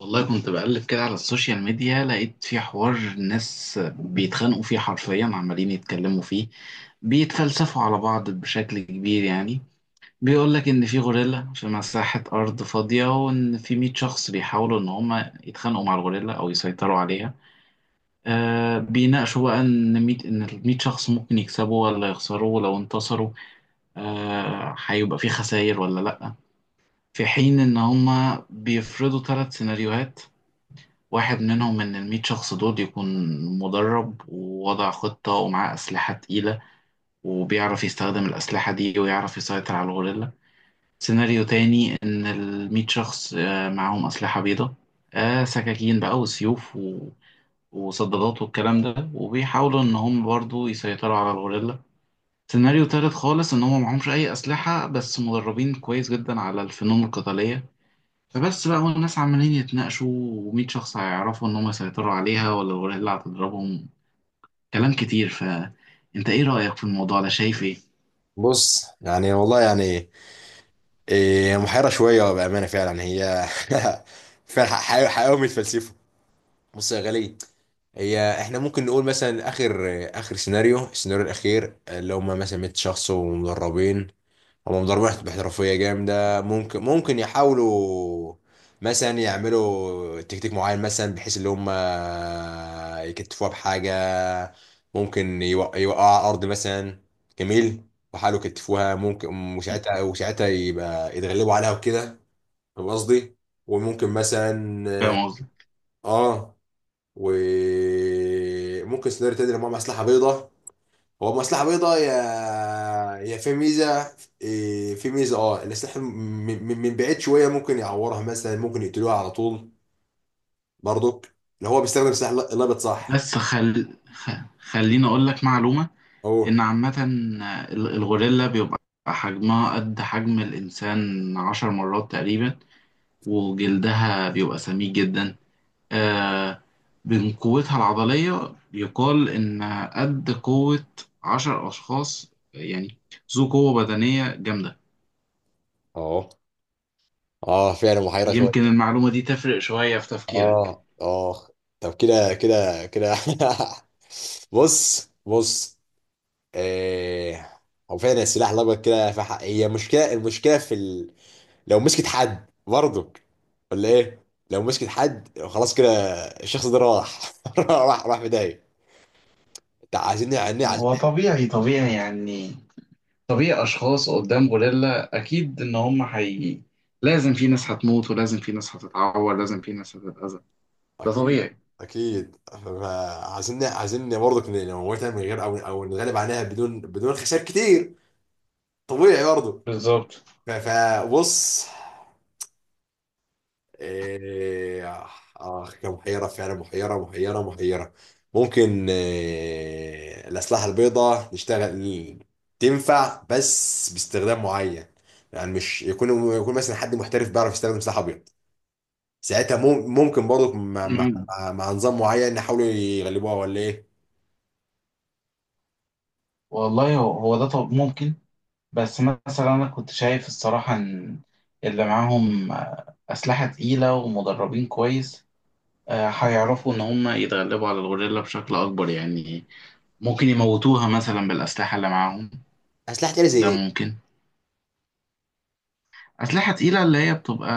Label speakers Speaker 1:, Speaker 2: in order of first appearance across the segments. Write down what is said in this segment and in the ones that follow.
Speaker 1: والله كنت بقلب كده على السوشيال ميديا، لقيت في حوار ناس بيتخانقوا فيه حرفيا، عمالين يتكلموا فيه، بيتفلسفوا على بعض بشكل كبير يعني. بيقول لك ان في غوريلا في مساحة ارض فاضية، وان في 100 شخص بيحاولوا ان هما يتخانقوا مع الغوريلا او يسيطروا عليها. بيناقشوا بقى ان ال 100 شخص ممكن يكسبوا ولا يخسروا، ولو انتصروا هيبقى في خسائر ولا لا. في حين ان هما بيفرضوا 3 سيناريوهات: واحد منهم من الميت شخص دول يكون مدرب، ووضع خطة، ومعاه أسلحة تقيلة، وبيعرف يستخدم الأسلحة دي، ويعرف يسيطر على الغوريلا. سيناريو تاني، إن الميت شخص معاهم أسلحة بيضة، سكاكين بقى وسيوف وصدادات والكلام ده، وبيحاولوا إن هم برضو يسيطروا على الغوريلا. سيناريو تالت خالص، إن هم معهمش أي أسلحة بس مدربين كويس جدا على الفنون القتالية. فبس بقى، والناس عمالين يتناقشوا، و100 شخص هيعرفوا إن هم يسيطروا عليها ولا الغوريلا اللي هتضربهم. كلام كتير. فأنت إيه رأيك في الموضوع ده؟ شايف إيه؟
Speaker 2: بص، يعني والله يعني إيه، محيرة شوية بأمانة فعلا يعني هي فعلا، حقيقة بيتفلسفوا. بص يا غالي، هي احنا ممكن نقول مثلا اخر اخر سيناريو السيناريو الاخير اللي هم مثلا 100 شخص ومدربين، هم ضربات احترافية جامدة. ممكن يحاولوا مثلا يعملوا تكتيك معين، مثلا بحيث اللي هم يكتفوها بحاجة. ممكن يوقعوا على الأرض مثلا. جميل. وحاولوا يكتفوها ممكن، وساعتها يبقى يتغلبوا عليها وكده. فاهم قصدي؟ وممكن مثلا،
Speaker 1: فاهم قصدي؟
Speaker 2: اه، وممكن سيناريو تاني لما معاهم أسلحة بيضاء. هو مصلحة بيضاء، يا في ميزة. في ميزة، اه، من بعيد شوية ممكن يعورها مثلا، ممكن يقتلوها على طول برضك، لو هو بيستخدم سلاح لابط. صح.
Speaker 1: بس خليني أقول لك معلومة.
Speaker 2: اوه.
Speaker 1: إن عامة الغوريلا بيبقى حجمها قد حجم الإنسان 10 مرات تقريبا، وجلدها بيبقى سميك جدا. آه، من قوتها العضلية يقال إن قد قوة 10 أشخاص، يعني ذو قوة بدنية جامدة.
Speaker 2: اه. اه، فعلا محيرة
Speaker 1: يمكن
Speaker 2: شوية.
Speaker 1: المعلومة دي تفرق شوية في تفكيرك.
Speaker 2: اه اه، طب كده. بص. آه، هو فعلا السلاح الأبيض كده في حق هي مشكلة، المشكلة في ال... لو مسكت حد برضك، ولا ايه؟ لو مسكت حد خلاص كده، الشخص ده راح. راح في داهيه. انت عايزين، يعني عايزين.
Speaker 1: هو طبيعي طبيعي يعني، طبيعي أشخاص قدام غوريلا، أكيد إن هم حي لازم في ناس هتموت، ولازم في ناس هتتعور، لازم في ناس هتتأذى. ده
Speaker 2: اكيد،
Speaker 1: طبيعي.
Speaker 2: اكيد. عايزين برضك نموتها من غير، او نغلب عليها بدون خسائر كتير. طبيعي برضه.
Speaker 1: بالظبط.
Speaker 2: فبص، إيه، آه، كان محيرة فعلا، محيرة. ممكن إيه، الأسلحة البيضاء نشتغل، تنفع بس باستخدام معين. يعني مش يكون مثلا حد محترف بيعرف يستخدم سلاح أبيض، ساعتها ممكن برضه مع، مع,
Speaker 1: مم.
Speaker 2: مع مع نظام معين يحاولوا يغلبوها، ولا إيه؟
Speaker 1: والله هو هو ده. طب ممكن، بس مثلا أنا كنت شايف الصراحة إن اللي معاهم أسلحة تقيلة ومدربين كويس، هيعرفوا إن هم يتغلبوا على الغوريلا بشكل أكبر يعني. ممكن يموتوها مثلا بالأسلحة اللي معاهم.
Speaker 2: أسلحة تانية زي
Speaker 1: ده
Speaker 2: إيه؟
Speaker 1: ممكن. أسلحة تقيلة اللي هي بتبقى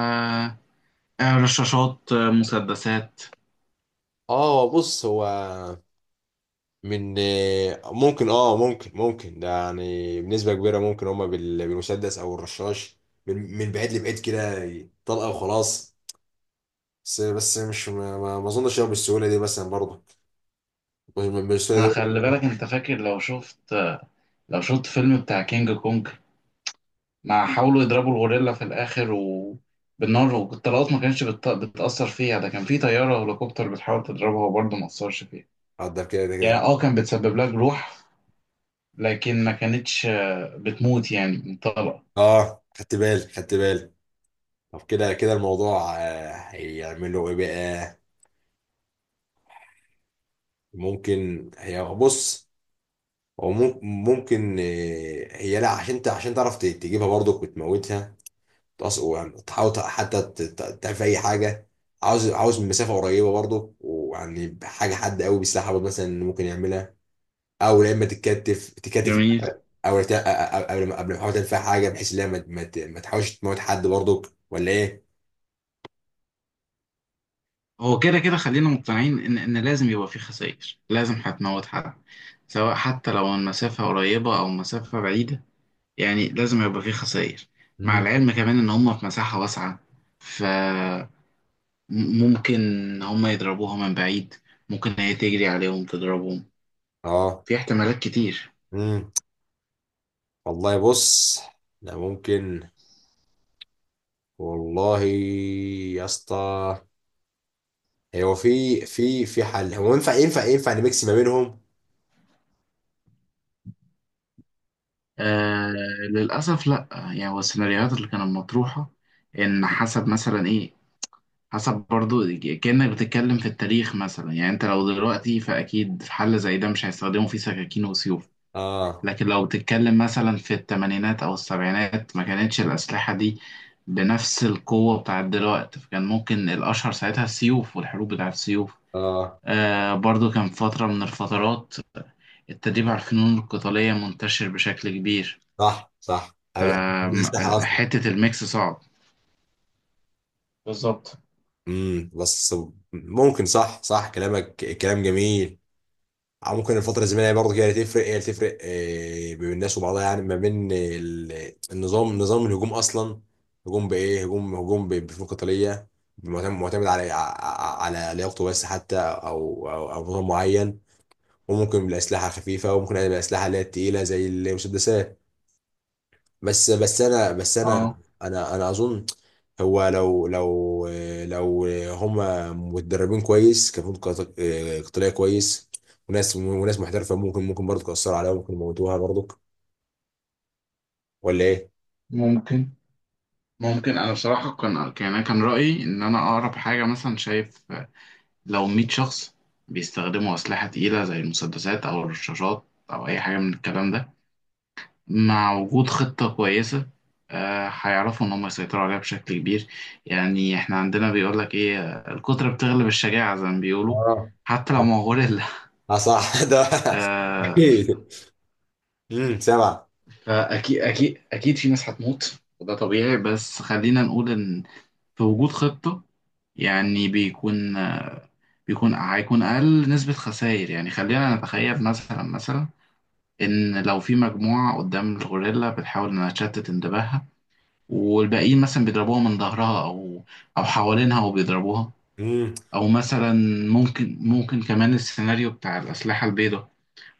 Speaker 1: رشاشات، مسدسات.
Speaker 2: آه، بص، هو من، ممكن، اه، ممكن ده. يعني بنسبة كبيرة ممكن هما بالمسدس او الرشاش، من بعيد لبعيد كده، طلقة وخلاص. بس مش ما اظنش هو بالسهولة دي مثلا برضه. مش بالسهولة
Speaker 1: ما
Speaker 2: دي.
Speaker 1: خلي بالك، أنت فاكر لو شفت فيلم بتاع كينج كونج، ما حاولوا يضربوا الغوريلا في الآخر بالنار والطلقات، ما كانتش بتأثر فيها؟ ده كان في طيارة هليكوبتر بتحاول تضربها، وبرضه ما أثرش فيها.
Speaker 2: اقدر، كده كده
Speaker 1: يعني
Speaker 2: كده.
Speaker 1: كان بتسبب لها جروح، لكن ما كانتش بتموت يعني من طلقة.
Speaker 2: اه، خدت بالي، خدت بالي. طب كده كده الموضوع، آه، هيعملوا ايه بقى؟ ممكن هي، بص، هو ممكن، آه، هي لا عشان عشان تعرف تجيبها برضه وتموتها، وتحاول حتى تعمل في اي حاجه. عاوز من مسافه قريبه برضه، ويعني حاجه، حد قوي بيسلاح برضه مثلا ممكن يعملها. او لا، اما تتكتف، تكتف.
Speaker 1: جميل.
Speaker 2: او قبل ما، قبل ما تحاول تعمل فيها حاجه بحيث ان هي ما تحاولش تموت حد برضك، ولا ايه؟
Speaker 1: هو كده كده، خلينا مقتنعين ان لازم يبقى في خسائر، لازم هتموت حد، سواء حتى لو المسافة قريبة او مسافة بعيدة. يعني لازم يبقى في خسائر. مع
Speaker 2: مم.
Speaker 1: العلم كمان ان هم في مساحة واسعة، ممكن هما يضربوها من بعيد، ممكن هي تجري عليهم تضربهم.
Speaker 2: اه.
Speaker 1: في احتمالات كتير.
Speaker 2: امم، والله بص، لا ممكن، والله يا اسطى، هو في حل. هو ينفع نميكس ما بينهم.
Speaker 1: آه للأسف لأ، يعني هو السيناريوهات اللي كانت مطروحة، إن حسب مثلا إيه، حسب برضو، كأنك بتتكلم في التاريخ مثلا. يعني أنت لو دلوقتي فأكيد في حل زي ده مش هيستخدموا فيه سكاكين وسيوف،
Speaker 2: اه.
Speaker 1: لكن لو بتتكلم مثلا في التمانينات أو السبعينات، ما كانتش الأسلحة دي بنفس القوة بتاعت دلوقتي، فكان ممكن الأشهر ساعتها السيوف والحروب بتاعت السيوف.
Speaker 2: اه،
Speaker 1: برضو كان فترة من الفترات التدريب على الفنون القتالية منتشر بشكل كبير.
Speaker 2: صح صح، قبل
Speaker 1: آم،
Speaker 2: الأسلحة أصلا.
Speaker 1: حتة الميكس صعب. بالظبط.
Speaker 2: امم، بس ممكن، صح صح، كلامك كلام جميل. أو ممكن الفترة الزمنية برضه كده تفرق، هي اللي تفرق، آه، بين الناس وبعضها، يعني ما بين النظام، نظام الهجوم أصلا. هجوم بإيه؟ هجوم، بفنون قتالية، معتمد على على لياقته بس حتى، أو أو نظام معين. وممكن بالأسلحة الخفيفة، وممكن بالأسلحة اللي هي التقيلة زي المسدسات. بس بس انا بس مم. انا
Speaker 1: اه
Speaker 2: انا انا اظن، هو لو هما متدربين كويس كفنون قتاليه كويس، وناس محترفه، ممكن برضه تاثر عليها، ممكن يموتوها برضه، ولا ايه؟
Speaker 1: ممكن ممكن. أنا بصراحة كان رأيي إن أنا أقرب حاجة مثلا شايف، لو 100 شخص بيستخدموا أسلحة تقيلة زي المسدسات أو الرشاشات أو أي حاجة من الكلام ده، مع وجود خطة كويسة، هيعرفوا إن هم يسيطروا عليها بشكل كبير يعني. إحنا عندنا بيقولك إيه، الكترة بتغلب الشجاعة زي ما بيقولوا،
Speaker 2: اه
Speaker 1: حتى لو ما هو غوريلا
Speaker 2: اه، صح. ده
Speaker 1: آه،
Speaker 2: اكيد. امم، سبعه.
Speaker 1: فأكيد أكيد أكيد في ناس هتموت وده طبيعي، بس خلينا نقول إن في وجود خطة، يعني بيكون آه، بيكون هيكون أقل نسبة خسائر. يعني خلينا نتخيل مثلا إن لو في مجموعة قدام الغوريلا بتحاول إنها تشتت انتباهها، والباقيين مثلا بيضربوها من ظهرها او حوالينها وبيضربوها،
Speaker 2: امم،
Speaker 1: او مثلا ممكن كمان السيناريو بتاع الاسلحه البيضاء،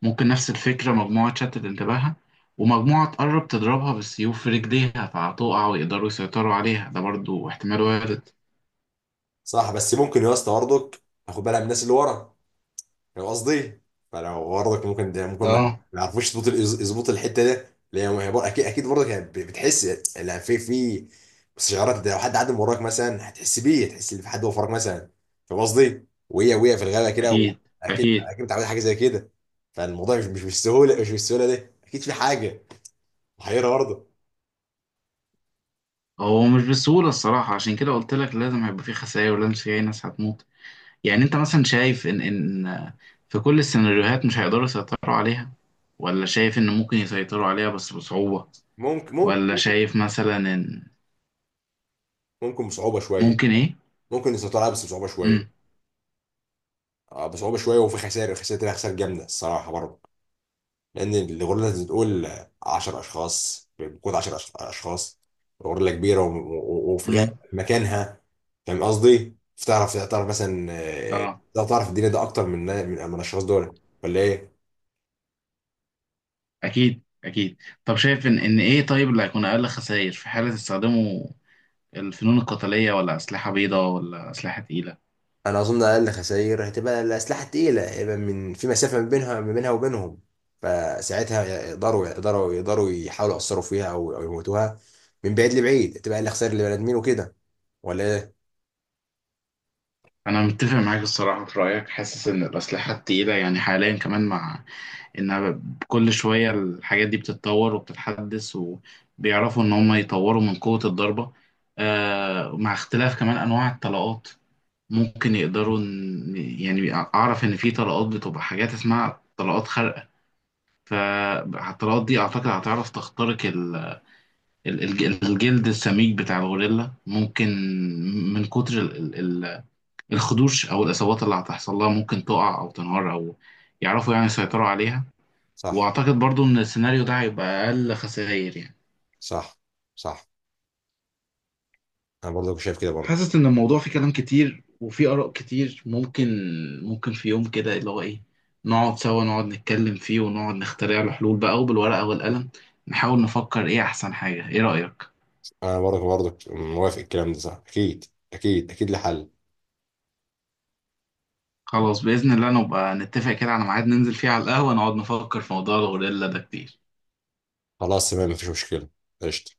Speaker 1: ممكن نفس الفكره، مجموعه تشتت انتباهها، ومجموعه تقرب تضربها بالسيوف في رجليها، فهتقع ويقدروا يسيطروا عليها. ده برضو احتمال وارد.
Speaker 2: صح، بس ممكن يا اسطى برضك اخد بالها من الناس اللي ورا، فاهم قصدي؟ فلو برضك ممكن ده، ممكن ما
Speaker 1: اه
Speaker 2: ما يعرفوش يظبط يظبط الحته ده، لان هي ما هي بر- اكيد، اكيد برضك هي بتحس. لا، في استشعارات. لو حد عدى من وراك مثلا هتحس بيه، هتحس ان في حد وفرك مثلا، فاهم قصدي؟ وهي في الغابه كده،
Speaker 1: اكيد
Speaker 2: واكيد
Speaker 1: اكيد.
Speaker 2: اكيد متعود على حاجه زي كده. فالموضوع مش، مش بالسهوله، مش بالسهوله دي، اكيد في حاجه محيره برضه.
Speaker 1: هو مش بسهوله الصراحه، عشان كده قلت لك لازم هيبقى في خسائر، ولازم في ناس هتموت. يعني انت مثلا شايف ان في كل السيناريوهات مش هيقدروا يسيطروا عليها، ولا شايف ان ممكن يسيطروا عليها بس بصعوبة،
Speaker 2: ممكن ممكن
Speaker 1: ولا
Speaker 2: ممكن
Speaker 1: شايف مثلا ان
Speaker 2: ممكن بصعوبه شويه،
Speaker 1: ممكن ايه؟
Speaker 2: ممكن يسيطروا عليها بس بصعوبه شويه،
Speaker 1: امم
Speaker 2: آه، بصعوبه شويه، وفي خسائر، خسائر جامده الصراحه برضه. لان الغوريلا بتقول 10 اشخاص، بتكون 10 اشخاص، غوريلا كبيره، وفي غاية
Speaker 1: امم
Speaker 2: مكانها، فاهم قصدي؟ فتعرف، تعرف مثلا،
Speaker 1: اه
Speaker 2: آه، تعرف الدنيا ده اكتر من الاشخاص دول، ولا ايه؟
Speaker 1: اكيد اكيد. طب شايف ان ايه، طيب اللي هيكون اقل خسائر في حالة استخدموا الفنون القتالية، ولا اسلحة بيضاء، ولا اسلحة تقيلة؟
Speaker 2: انا اظن اقل خسائر هتبقى الاسلحه التقيله، هيبقى من في مسافه، ما بينها وبينهم، فساعتها يقدروا يحاولوا يأثروا فيها، او يموتوها من بعيد لبعيد، تبقى اقل خسائر لبني ادمين وكده، ولا ايه؟
Speaker 1: انا متفق معاك الصراحة في رأيك، حاسس ان الاسلحة التقيلة يعني حاليا كمان، مع ان كل شوية الحاجات دي بتتطور وبتتحدث، وبيعرفوا ان هم يطوروا من قوة الضربة، مع اختلاف كمان انواع الطلقات، ممكن يقدروا يعني اعرف ان في طلقات بتبقى حاجات اسمها طلقات خارقة، فالطلقات دي اعتقد هتعرف تخترق الجلد السميك بتاع الغوريلا. ممكن من كتر الخدوش او الاصابات اللي هتحصل لها، ممكن تقع او تنهار او يعرفوا يعني يسيطروا عليها.
Speaker 2: صح
Speaker 1: واعتقد برضو ان السيناريو ده هيبقى اقل خسائر يعني.
Speaker 2: صح صح. انا برضه شايف كده برضه.
Speaker 1: حاسس ان الموضوع فيه كلام كتير وفيه اراء كتير، ممكن في يوم كده اللي هو ايه، نقعد سوا نقعد نتكلم فيه، ونقعد نخترع له حلول بقى، وبالورقة والقلم نحاول نفكر ايه احسن حاجة. ايه رأيك؟
Speaker 2: انا برضك موافق، الكلام ده صح اكيد، اكيد لحل.
Speaker 1: خلاص، بإذن الله نبقى نتفق كده على ميعاد ننزل فيه على القهوة، نقعد نفكر في موضوع الغوريلا ده كتير.
Speaker 2: خلاص تمام، مفيش مشكله. قشطه.